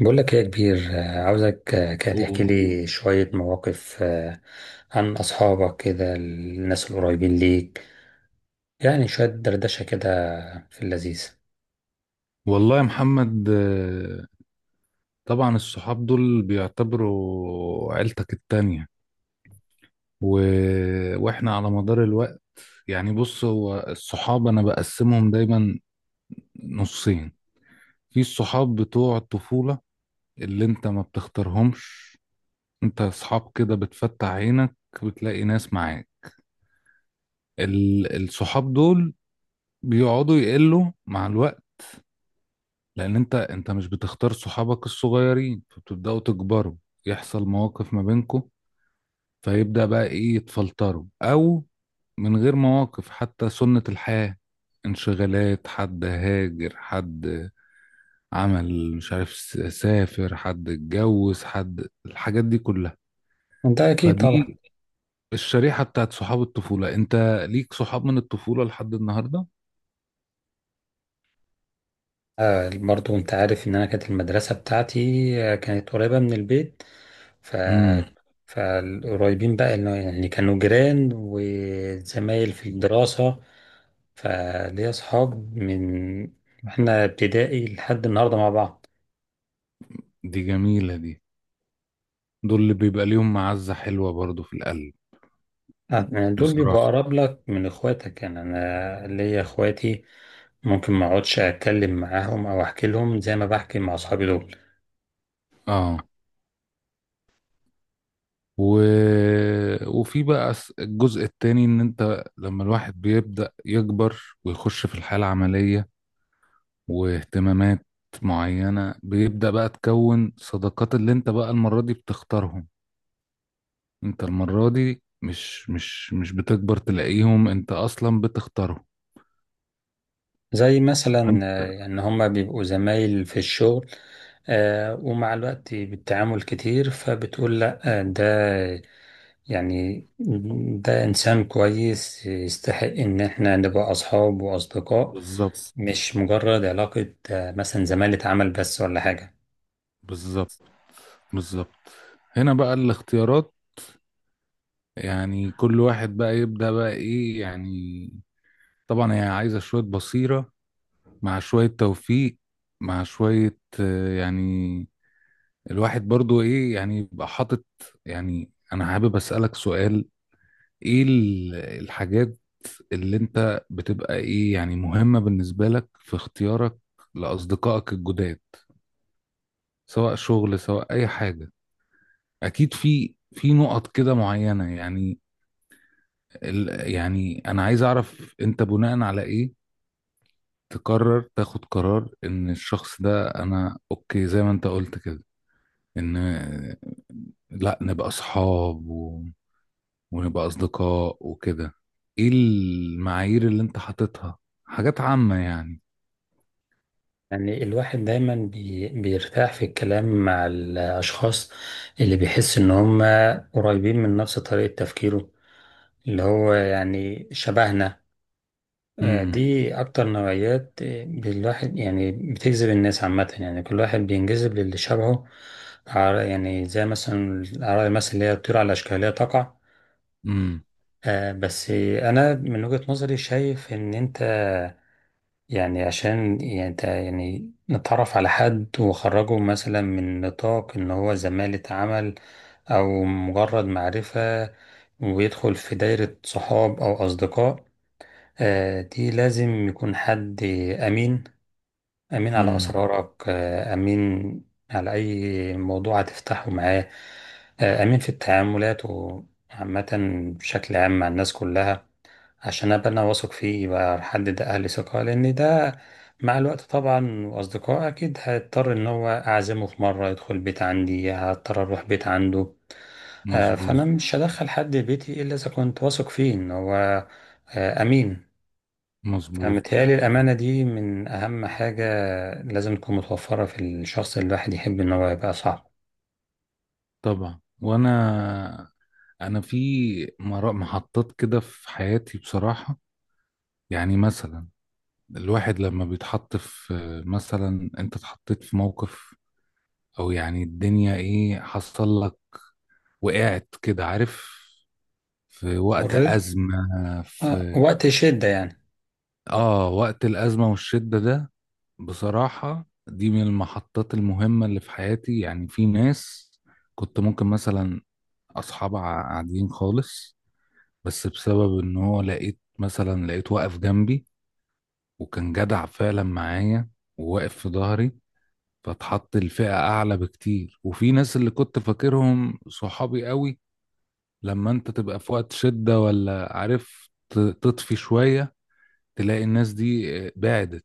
بقول لك إيه يا كبير، عاوزك، كده تحكي و- لي شوية مواقف، عن أصحابك كده الناس القريبين ليك، يعني شوية دردشة كده في اللذيذ. والله يا محمد، طبعا الصحاب دول بيعتبروا عيلتك التانية. و... واحنا على مدار الوقت. يعني بص، هو الصحاب انا بقسمهم دايما نصين. في الصحاب بتوع الطفولة اللي انت ما بتختارهمش، انت اصحاب كده بتفتح عينك بتلاقي ناس معاك. الصحاب دول بيقعدوا يقلوا مع الوقت، لان انت مش بتختار صحابك الصغيرين، فبتبدأوا تكبروا، يحصل مواقف ما بينكم، فيبدأ بقى ايه يتفلتروا او من غير مواقف حتى، سنة الحياة، انشغالات، حد هاجر، حد عمل مش عارف سافر، حد اتجوز، حد الحاجات دي كلها. وأنت أكيد طبعا. فدي الشريحة بتاعت صحاب الطفولة، انت ليك صحاب من الطفولة لحد النهاردة. آه، برضو أنت عارف إن أنا كانت المدرسة بتاعتي كانت قريبة من البيت. ف امم فالقريبين بقى اللي هو يعني كانوا جيران وزمايل في الدراسة، فليا أصحاب من إحنا ابتدائي لحد النهاردة مع بعض. دي جميلة دي. دول اللي بيبقى ليهم معزة حلوة برضو في القلب، آه، يعني دول بيبقوا بصراحة. أقرب لك من إخواتك، يعني أنا ليا إخواتي ممكن ما أقعدش أتكلم معاهم أو أحكي لهم زي ما بحكي مع أصحابي دول. اه. و... وفي بقى الجزء التاني، ان انت لما الواحد بيبدأ يكبر ويخش في الحياة العملية واهتمامات معينة، بيبدأ بقى تكون صداقات اللي انت بقى المرة دي بتختارهم. انت المرة دي مش بتكبر تلاقيهم، انت اصلا بتختارهم. زي مثلا فأنت- يعني هما بيبقوا زمايل في الشغل، ومع الوقت بالتعامل كتير فبتقول لأ، ده يعني ده إنسان كويس يستحق إن إحنا نبقى أصحاب وأصدقاء. بالظبط، مش مجرد علاقة مثلا زمالة عمل بس ولا حاجة. بالظبط، بالظبط. هنا بقى الاختيارات، يعني كل واحد بقى يبدأ بقى ايه يعني. طبعا هي عايزة شوية بصيرة، مع شوية توفيق، مع شوية، يعني الواحد برضو ايه يعني يبقى حاطط. يعني انا حابب اسألك سؤال، ايه الحاجات اللي انت بتبقى ايه يعني مهمة بالنسبة لك في اختيارك لأصدقائك الجداد، سواء شغل سواء اي حاجة؟ اكيد في نقط كده معينة يعني. يعني انا عايز اعرف، انت بناء على ايه تقرر تاخد قرار ان الشخص ده انا اوكي، زي ما انت قلت كده، ان لا نبقى اصحاب ونبقى اصدقاء وكده؟ ايه المعايير اللي انت حاططها؟ حاجات عامة يعني. يعني الواحد دايما بيرتاح في الكلام مع الأشخاص اللي بيحس إن هم قريبين من نفس طريقة تفكيره، اللي هو يعني شبهنا. امم، دي أكتر نوعيات، الواحد يعني بتجذب الناس عامة، يعني كل واحد بينجذب للي شبهه. يعني زي مثلا الأعراض مثلا اللي هي الطيور على أشكالها تقع. امم، بس أنا من وجهة نظري شايف إن أنت، يعني عشان يعني يعني نتعرف على حد وخرجه مثلا من نطاق ان هو زمالة عمل او مجرد معرفة ويدخل في دايرة صحاب او اصدقاء، دي لازم يكون حد امين. امين على امم. اسرارك، امين على اي موضوع هتفتحه معاه، امين في التعاملات وعامة بشكل عام مع الناس كلها، عشان ابقى انا واثق فيه يبقى حد ده اهل ثقة. لان ده مع الوقت طبعا واصدقائه اكيد هيضطر ان هو اعزمه في مرة يدخل بيت عندي، هضطر اروح بيت عنده. مظبوط. فانا مش هدخل حد بيتي الا اذا كنت واثق فيه ان هو امين. مظبوط. فمتهيألي الامانة دي من اهم حاجة لازم تكون متوفرة في الشخص اللي الواحد يحب ان هو يبقى صاحبه. طبعا. وانا في محطات كده في حياتي، بصراحة. يعني مثلا الواحد لما بيتحط في، مثلا انت اتحطيت في موقف او يعني الدنيا ايه حصل لك، وقعت كده عارف، في وقت مر، أزمة. آه، في وقت شدة يعني. اه، وقت الأزمة والشدة ده بصراحة دي من المحطات المهمة اللي في حياتي. يعني في ناس كنت ممكن مثلا أصحاب عاديين خالص، بس بسبب إن هو لقيت مثلا لقيت واقف جنبي، وكان جدع فعلا معايا وواقف في ظهري، فاتحط الفئة أعلى بكتير. وفي ناس اللي كنت فاكرهم صحابي قوي، لما أنت تبقى في وقت شدة ولا عارف تطفي شوية، تلاقي الناس دي بعدت.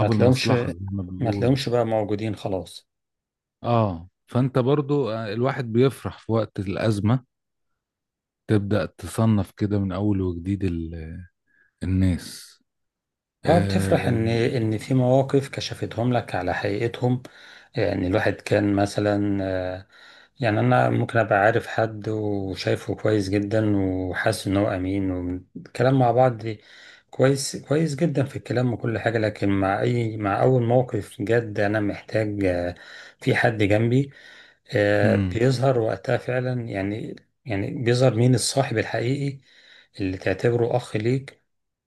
ما تلاقيهمش المصلحة زي ما ما بيقولوا. تلاقيهمش بقى موجودين خلاص. اه، فانت برضو، الواحد بيفرح في وقت الأزمة، تبدأ تصنف كده من أول وجديد الناس. اه، بتفرح آه. ان في مواقف كشفتهم لك على حقيقتهم. يعني الواحد كان مثلا، يعني انا ممكن ابقى عارف حد وشايفه كويس جدا وحاسس ان هو امين، والكلام مع بعض كويس، كويس جدا في الكلام وكل حاجة، لكن مع اي، مع اول موقف جد انا محتاج في حد جنبي، امم. بيظهر وقتها فعلا يعني. يعني بيظهر مين الصاحب الحقيقي اللي تعتبره اخ ليك،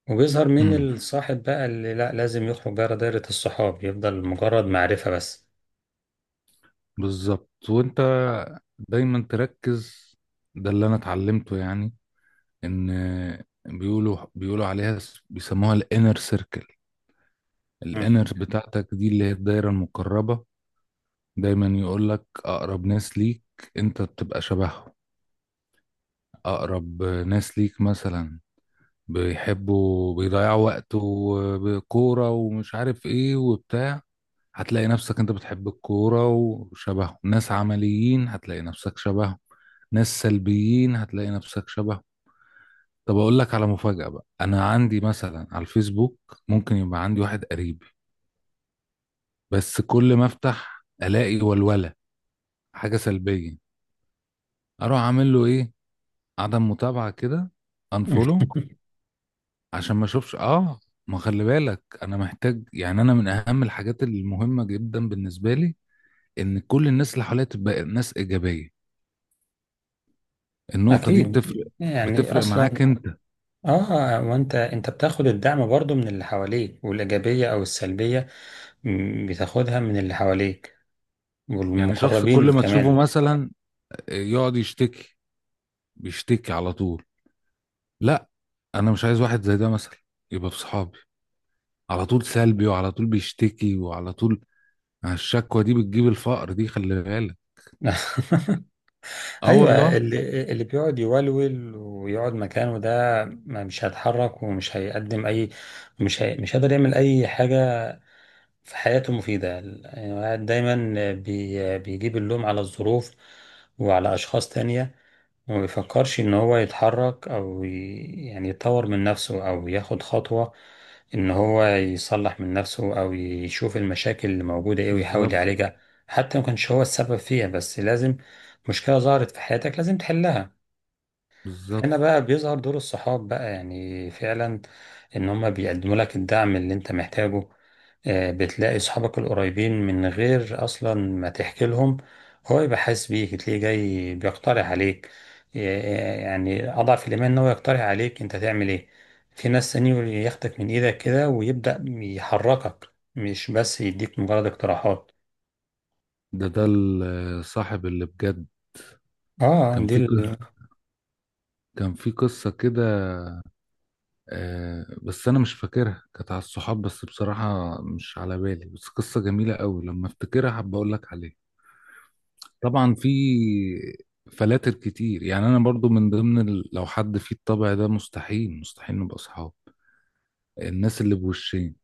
وبيظهر مين امم. الصاحب بقى اللي لا لازم يخرج بره دايرة الصحاب يفضل مجرد معرفة بس. بالظبط. وانت دايما تركز، ده اللي انا اتعلمته يعني، ان بيقولوا عليها بيسموها الانر سيركل. مم. الانر بتاعتك دي اللي هي الدايره المقربه، دايما يقول لك اقرب ناس ليك انت بتبقى شبههم. أقرب ناس ليك مثلا بيحبوا بيضيعوا وقته بكورة ومش عارف إيه وبتاع، هتلاقي نفسك أنت بتحب الكورة وشبهه. ناس عمليين هتلاقي نفسك شبهه، ناس سلبيين هتلاقي نفسك شبهه. طب أقول لك على مفاجأة بقى، أنا عندي مثلا على الفيسبوك ممكن يبقى عندي واحد قريبي، بس كل ما أفتح ألاقي ولولة، حاجة سلبية، أروح أعمل له إيه؟ عدم متابعة كده، أنفولو، عشان ما اشوفش. اه، ما خلي بالك، انا محتاج، يعني انا من اهم الحاجات المهمه جدا بالنسبه لي ان كل الناس اللي حواليا تبقى ناس ايجابيه. النقطه دي أكيد، بتفرق، يعني بتفرق معاك أصلا. انت. وأنت، أنت بتاخد الدعم برضو من اللي حواليك، والإيجابية أو السلبية بتاخدها من اللي حواليك يعني شخص والمقربين كل ما تشوفه كمان. مثلا يقعد يشتكي، بيشتكي على طول، لا، انا مش عايز واحد زي ده مثلا يبقى في صحابي، على طول سلبي وعلى طول بيشتكي وعلى طول. الشكوى دي بتجيب الفقر دي، خلي بالك. اه أيوة، والله. اللي بيقعد يولول ويقعد مكانه ده مش هيتحرك ومش هيقدم أي، مش هيقدر يعمل أي حاجة في حياته مفيدة. يعني الواحد دايما بيجيب اللوم على الظروف وعلى أشخاص تانية، وما بيفكرش إن هو يتحرك أو يعني يطور من نفسه أو ياخد خطوة، إن هو يصلح من نفسه أو يشوف المشاكل اللي موجودة إيه ويحاول بالظبط، يعالجها. حتى لو مكانش هو السبب فيها بس لازم، مشكلة ظهرت في حياتك لازم تحلها. هنا بالظبط. بقى بيظهر دور الصحاب بقى يعني فعلا، ان هما بيقدموا لك الدعم اللي انت محتاجه. بتلاقي صحابك القريبين من غير اصلا ما تحكي لهم هو يبقى حاسس بيك، تلاقيه جاي بيقترح عليك، آه، يعني اضعف الايمان ان هو يقترح عليك انت تعمل ايه. في ناس تاني ياخدك من ايدك كده ويبدأ يحركك مش بس يديك مجرد اقتراحات. ده الصاحب اللي بجد. اه، كان دي في كان في قصة كده، بس أنا مش فاكرها، كانت على الصحاب بس بصراحة مش على بالي، بس قصة جميلة قوي لما أفتكرها حابب أقول لك عليها. طبعا في فلاتر كتير، يعني أنا برضو من ضمن لو حد فيه الطبع ده مستحيل مستحيل نبقى أصحاب، الناس اللي بوشين.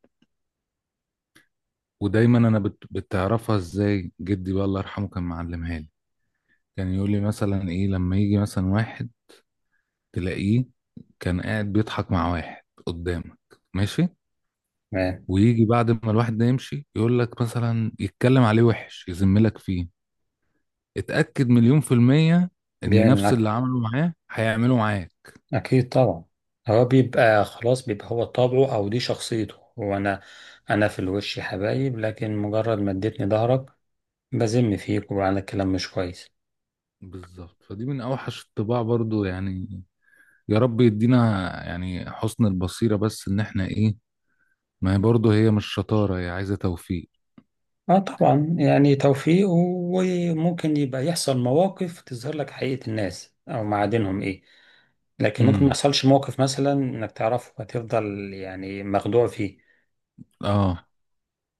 ودايما أنا بتعرفها إزاي؟ جدي بقى الله يرحمه كان معلمها لي، كان يقول لي مثلا إيه، لما يجي مثلا واحد تلاقيه كان قاعد بيضحك مع واحد قدامك ماشي، آه، ويجي بعد ما الواحد ده يمشي يقول لك مثلا يتكلم عليه وحش يذملك فيه، اتأكد مليون في المية ان بيعمل نفس اللي معاك. عمله معاه هيعمله معاك. أكيد طبعا. هو بيبقى خلاص، بيبقى هو طبعه أو دي شخصيته، هو أنا، في الوش يا حبايب، لكن مجرد ما اديتني ظهرك بذم فيك وعلى كلام مش كويس. بالظبط، فدي من اوحش الطباع برضو يعني. يا رب يدينا يعني حسن البصيرة، بس ان احنا ايه، ما هي برضو هي مش شطارة، هي عايزة توفيق. اه طبعا، يعني توفيق، وممكن يبقى يحصل مواقف تظهر لك حقيقة الناس أو معادنهم إيه، لكن ممكن ما امم. يحصلش موقف مثلا إنك تعرفه هتفضل يعني مخدوع فيه. اه.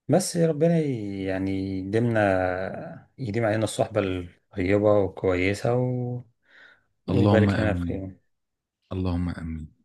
بس يا ربنا يعني يديمنا، يديم علينا الصحبة الطيبة والكويسة اللهم ويبارك لنا في امين. خير اللهم امين.